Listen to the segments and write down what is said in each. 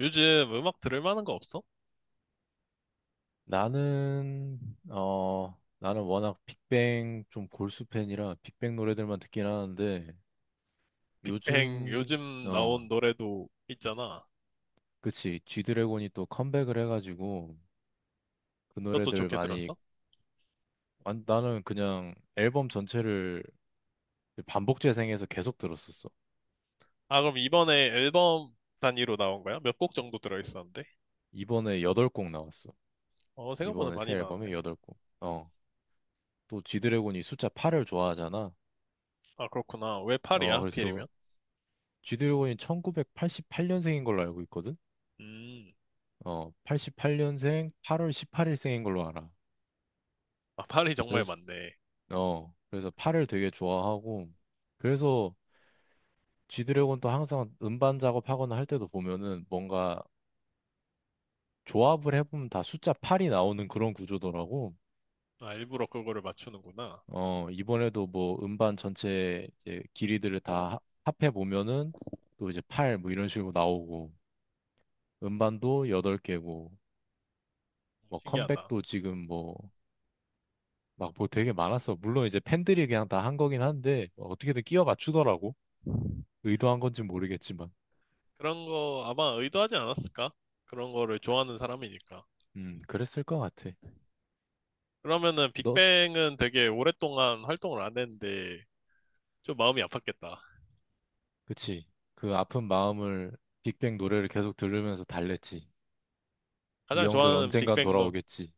요즘 음악 들을 만한 거 없어? 나는 나는 워낙 빅뱅 좀 골수 팬이라 빅뱅 노래들만 듣긴 하는데 빅뱅 요즘 요즘 나온 노래도 있잖아. 그치, G드래곤이 또 컴백을 해가지고 그 그것도 노래들 좋게 많이 들었어? 나는 그냥 앨범 전체를 반복 재생해서 계속 들었었어. 아, 그럼 이번에 앨범 단위로 나온 거야? 몇 곡 정도 들어있었는데? 이번에 여덟 곡 나왔어. 어, 생각보다 이번에 새 많이 앨범에 나왔네. 여덟 곡 어또 G드래곤이 숫자 8을 좋아하잖아. 아, 그렇구나. 왜 파리야, 그래서 또 하필이면? G드래곤이 1988년생인 걸로 알고, 음, 88년생 8월 18일생인 걸로 알아. 아, 파리 정말 그래서 많네. 그래서 팔을 되게 좋아하고, 그래서 G드래곤도 항상 음반 작업하거나 할 때도 보면은 뭔가 조합을 해보면 다 숫자 8이 나오는 그런 구조더라고. 아, 일부러 그거를 맞추는구나. 이번에도 뭐 음반 전체 이제 길이들을 다 합해 보면은 또 이제 8 뭐 이런 식으로 나오고, 음반도 8개고, 뭐 신기하다. 컴백도 지금 뭐 막 뭐 되게 많았어. 물론 이제 팬들이 그냥 다 한 거긴 한데 뭐 어떻게든 끼워 맞추더라고. 의도한 건지 모르겠지만. 그런 거 아마 의도하지 않았을까? 그런 거를 좋아하는 사람이니까. 그랬을 것 같아. 그러면은 너, 빅뱅은 되게 오랫동안 활동을 안 했는데 좀 마음이 아팠겠다. 그치. 그 아픈 마음을 빅뱅 노래를 계속 들으면서 달랬지. 이 가장 형들 좋아하는 언젠간 빅뱅 노 돌아오겠지.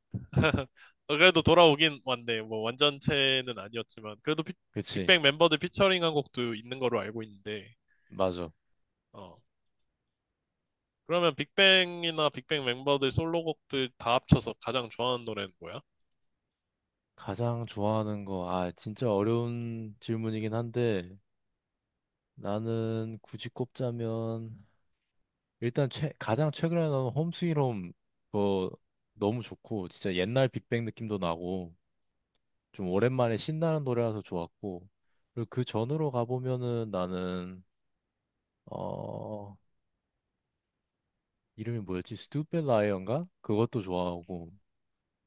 어, 그래도 돌아오긴 왔네. 뭐 완전체는 아니었지만 그래도 그치. 빅뱅 멤버들 피처링한 곡도 있는 거로 알고 있는데. 맞아. 어. 그러면 빅뱅이나 빅뱅 멤버들 솔로곡들 다 합쳐서 가장 좋아하는 노래는 뭐야? 가장 좋아하는 거, 아, 진짜 어려운 질문이긴 한데 나는 굳이 꼽자면 일단 최, 가장 최근에 나온 홈스윗홈 거 너무 좋고, 진짜 옛날 빅뱅 느낌도 나고, 좀 오랜만에 신나는 노래라서 좋았고. 그리고 그 전으로 가보면은 나는 어 이름이 뭐였지? Stupid Lion가? 그것도 좋아하고.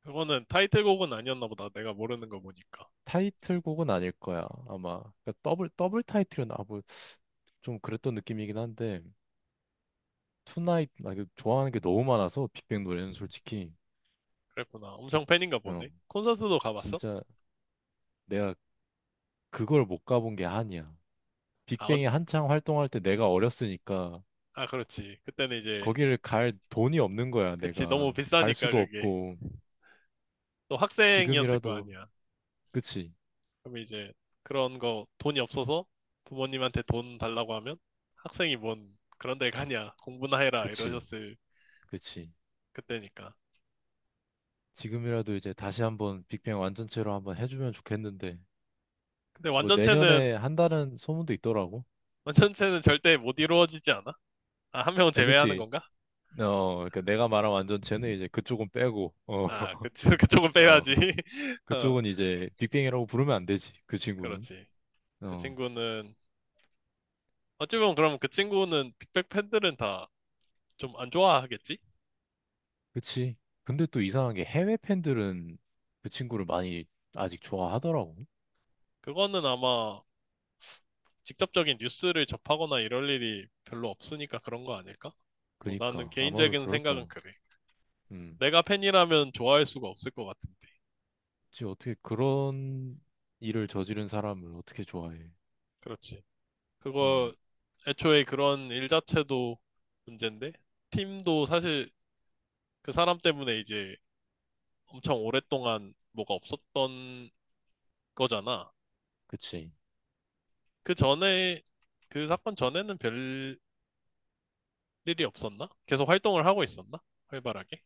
그거는 타이틀곡은 아니었나 보다. 내가 모르는 거 보니까. 타이틀곡은 아닐 거야 아마. 그러니까 더블 더블 타이틀은 아뭐좀 그랬던 느낌이긴 한데, 투나잇 나 이거 좋아하는 게 너무 많아서 빅뱅 노래는 솔직히. 그랬구나. 엄청 팬인가 보네. 어 콘서트도 가봤어? 진짜 내가 그걸 못 가본 게 한이야. 아, 빅뱅이 한창 활동할 때 내가 어렸으니까 아, 그렇지. 그때는 이제, 거기를 갈 돈이 없는 거야. 그치. 내가 너무 갈 비싸니까 수도 그게. 없고. 또 학생이었을 거 지금이라도 아니야. 그치. 그럼 이제 그런 거 돈이 없어서 부모님한테 돈 달라고 하면 학생이 뭔 그런 데 가냐 공부나 해라 그치. 이러셨을 그치. 그때니까. 지금이라도 이제 다시 한번 빅뱅 완전체로 한번 해주면 좋겠는데 근데 뭐 완전체는 내년에 한다는 소문도 있더라고. 완전체는 절대 못 이루어지지 않아? 아, 한 명은 에 제외하는 그치. 건가? 그러니까 내가 말한 완전체는 이제 그쪽은 빼고 아, 그, 그쪽은 어 빼야지. 어, 그쪽은 이제 빅뱅이라고 부르면 안 되지, 그 친구는. 그렇지. 그 어. 친구는 어찌 보면 그럼 그 친구는 빅뱅 팬들은 다 좀 안 좋아하겠지? 그치. 근데 또 이상한 게 해외 팬들은 그 친구를 많이 아직 좋아하더라고. 그거는 아마 직접적인 뉴스를 접하거나 이럴 일이 별로 없으니까 그런 거 아닐까? 뭐 나는 그니까 아마도 개인적인 그럴 생각은 거야. 그래. 음. 내가 팬이라면 좋아할 수가 없을 것 같은데. 그치, 어떻게 그런 일을 저지른 사람을 어떻게 좋아해? 그렇지. 음. 그거 애초에 그런 일 자체도 문제인데 팀도 사실 그 사람 때문에 이제 엄청 오랫동안 뭐가 없었던 거잖아. 그치. 그 전에 그 사건 전에는 별 일이 없었나? 계속 활동을 하고 있었나? 활발하게?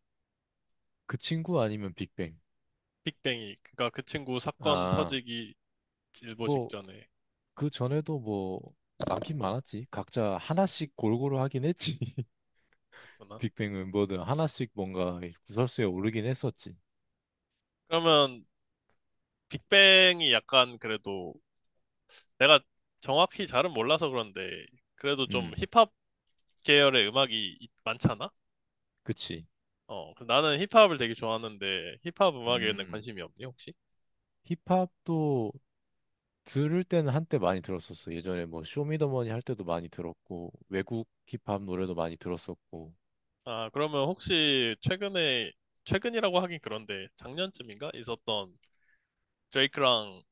그 친구 아니면 빅뱅. 빅뱅이 그니까 그 친구 사건 아, 터지기 일보 뭐, 직전에 그 전에도 뭐, 많긴 많았지. 각자 하나씩 골고루 하긴 했지. 그렇구나. 빅뱅은 뭐든 하나씩 뭔가 구설수에 오르긴 했었지. 그러면 빅뱅이 약간 그래도 내가 정확히 잘은 몰라서 그런데 그래도 좀 음. 힙합 계열의 음악이 많잖아? 그치. 어, 그래서 나는 힙합을 되게 좋아하는데 힙합 음악에는 음, 관심이 없니 혹시? 힙합도 들을 때는 한때 많이 들었었어. 예전에 뭐, 쇼미더머니 할 때도 많이 들었고, 외국 힙합 노래도 많이 들었었고. 아, 그러면 혹시 최근에 최근이라고 하긴 그런데 작년쯤인가 있었던 드레이크랑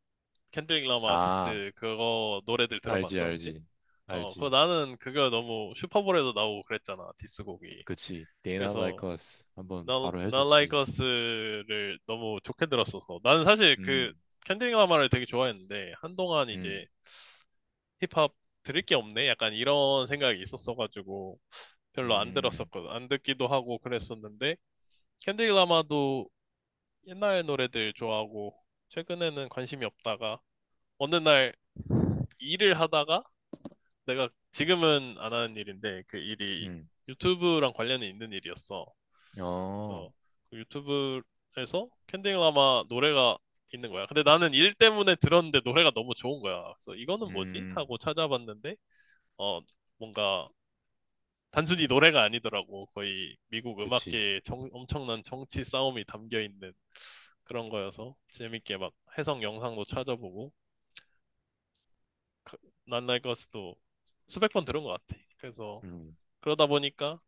켄드릭 라마 아, 디스 그거 노래들 알지, 들어봤어 혹시? 알지, 어, 그거 알지. 나는 그거 너무 슈퍼볼에도 나오고 그랬잖아 디스곡이. 그치. They not like 그래서 us 한번 넌, 바로 넌 해줬지. 라이커스를 너무 좋게 들었어서. 나는 사실 그 음. 켄드릭 라마를 되게 좋아했는데, 한동안 이제 음. 힙합 들을 게 없네? 약간 이런 생각이 있었어가지고, 별로 안 음. 들었었거든. 안 듣기도 하고 그랬었는데, 켄드릭 라마도 옛날 노래들 좋아하고, 최근에는 관심이 없다가, 어느 날 일을 하다가, 내가 지금은 안 하는 일인데, 그 일이 음. 유튜브랑 관련이 있는 일이었어. 어, 그래서 그 유튜브에서 캔디라마 노래가 있는 거야. 근데 나는 일 때문에 들었는데 노래가 너무 좋은 거야. 그래서 이거는 뭐지? 음. 하고 찾아봤는데 어 뭔가 단순히 노래가 아니더라고. 거의 미국 그치. 음악계의 엄청난 정치 싸움이 담겨 있는 그런 거여서 재밌게 막 해석 영상도 찾아보고 그- 난날 것도 수백 번 들은 것 같아. 그래서 음. 그러다 보니까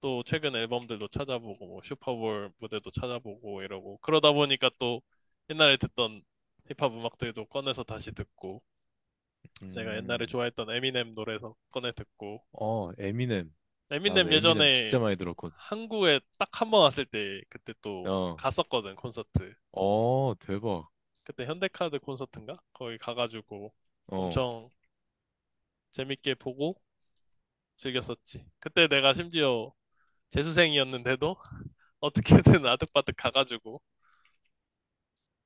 또 최근 앨범들도 찾아보고 뭐 슈퍼볼 무대도 찾아보고 이러고 그러다 보니까 또 옛날에 듣던 힙합 음악들도 꺼내서 다시 듣고 내가 옛날에 음. 좋아했던 에미넴 노래에서 꺼내 듣고 어, 에미넴. 나도 에미넴 에미넴 예전에 진짜 많이 들었거든. 한국에 딱 한 번 왔을 때 그때 또 어, 갔었거든 콘서트 어, 대박. 그때 현대카드 콘서트인가 거기 가가지고 어, 엄청 재밌게 보고 즐겼었지 그때 내가 심지어 재수생이었는데도 어떻게든 아득바득 가가지고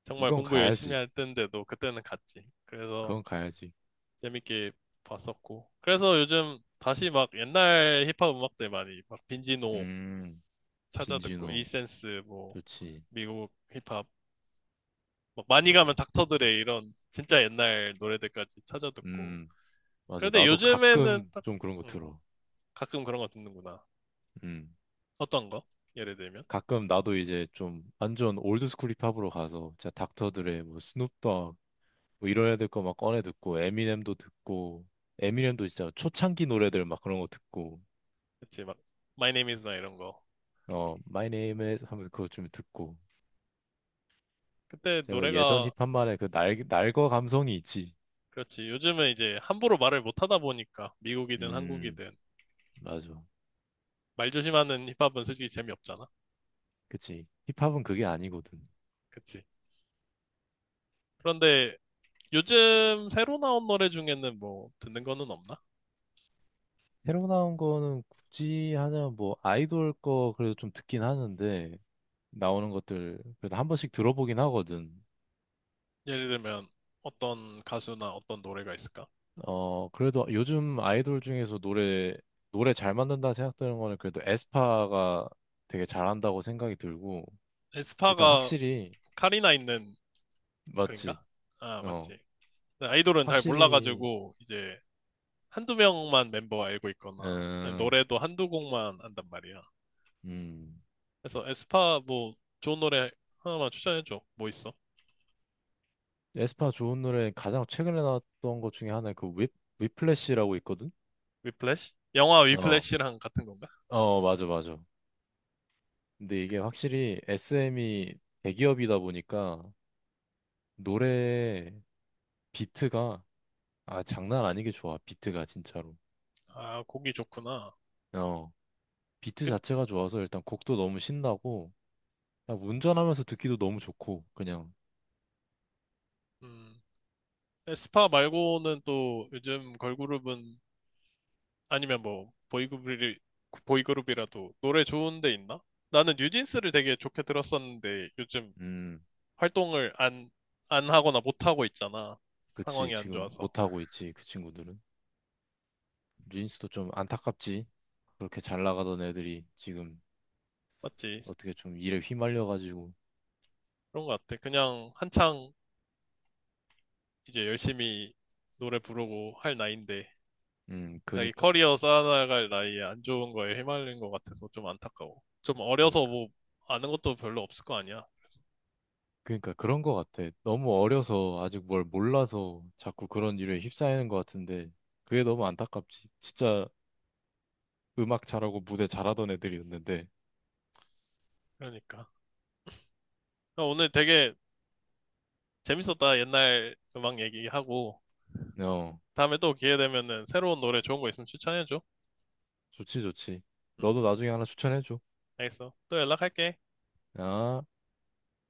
정말 이건 공부 열심히 가야지. 할 때인데도 그때는 갔지. 그래서 그건 가야지. 재밌게 봤었고. 그래서 요즘 다시 막 옛날 힙합 음악들 많이 막 빈지노 음, 찾아 듣고 빈지노. 이센스 뭐 좋지. 미국 힙합 막 많이 가면 맞아. 닥터드레 이런 진짜 옛날 노래들까지 찾아 듣고. 음, 맞아. 그런데 나도 요즘에는 가끔 딱 좀 그런 거 음, 들어. 가끔 그런 거 듣는구나. 음 어떤 거? 예를 들면 가끔 나도 이제 좀 완전 올드스쿨 힙합으로 가서 진짜 닥터들의 뭐 스눕독 뭐 이런 애들 거 막 꺼내 듣고 에미넴도 듣고 에미넴도 진짜 초창기 노래들 막 그런 거 듣고. 그치 막 My Name Is나 이런 거. My Name is 하면 그거 좀 듣고, 그때 제가 예전 노래가 힙합만의 그 날, 날거 감성이 있지. 그렇지. 요즘은 이제 함부로 말을 못 하다 보니까 미국이든 음, 한국이든 맞아. 말 조심하는 힙합은 솔직히 재미없잖아. 그치, 힙합은 그게 아니거든. 그치? 그런데 요즘 새로 나온 노래 중에는 뭐 듣는 거는 없나? 새로 나온 거는 굳이 하자면 뭐 아이돌 거 그래도 좀 듣긴 하는데 나오는 것들 그래도 한 번씩 들어보긴 하거든. 예를 들면 어떤 가수나 어떤 노래가 있을까? 어, 그래도 요즘 아이돌 중에서 노래 잘 만든다 생각되는 거는 그래도 에스파가 되게 잘한다고 생각이 들고, 일단 에스파가 확실히, 카리나 있는 맞지? 그인가? 아, 어, 맞지. 네, 아이돌은 잘 확실히. 몰라가지고 이제 한두 명만 멤버 알고 있거나 아니, 음. 노래도 한두 곡만 안단 말이야. 음. 그래서 에스파 뭐 좋은 노래 하나만 추천해줘. 뭐 있어? 에스파 좋은 노래 가장 최근에 나왔던 것 중에 하나, 그 whip, 위플래시라고 있거든? 위플래시? 영화 어, 위플래시랑 같은 건가? 어, 맞아, 맞아. 근데 이게 확실히 SM이 대기업이다 보니까 노래 비트가, 아, 장난 아니게 좋아, 비트가 진짜로. 아, 곡이 좋구나. 어. 비트 근- 자체가 좋아서 일단 곡도 너무 신나고 그냥 운전하면서 듣기도 너무 좋고 그냥. 음, 에스파 말고는 또 요즘 걸그룹은 아니면 뭐 보이그룹이 보이그룹이라도 노래 좋은 데 있나? 나는 뉴진스를 되게 좋게 들었었는데 요즘 음. 활동을 안 하거나 못 하고 있잖아. 그치, 상황이 안 지금 좋아서. 못하고 있지 그 친구들은. 린스도 좀 안타깝지. 그렇게 잘 나가던 애들이 지금 맞지? 어떻게 좀 일에 휘말려가지고. 그런 것 같아. 그냥 한창 이제 열심히 노래 부르고 할 나이인데 자기 그니까 커리어 쌓아나갈 나이에 안 좋은 거에 휘말린 것 같아서 좀 안타까워. 좀 어려서 그니까 뭐 아는 것도 별로 없을 거 아니야. 그니까 그런 거 같아. 너무 어려서 아직 뭘 몰라서 자꾸 그런 일에 휩싸이는 거 같은데 그게 너무 안타깝지 진짜. 음악 잘하고 무대 잘하던 애들이었는데. 그러니까. 나 오늘 되게 재밌었다. 옛날 음악 얘기하고. 어. 다음에 또 기회 되면은 새로운 노래 좋은 거 있으면 추천해줘. 좋지 좋지. 응, 너도 나중에 하나 추천해줘. 알겠어. 또 연락할게. 아,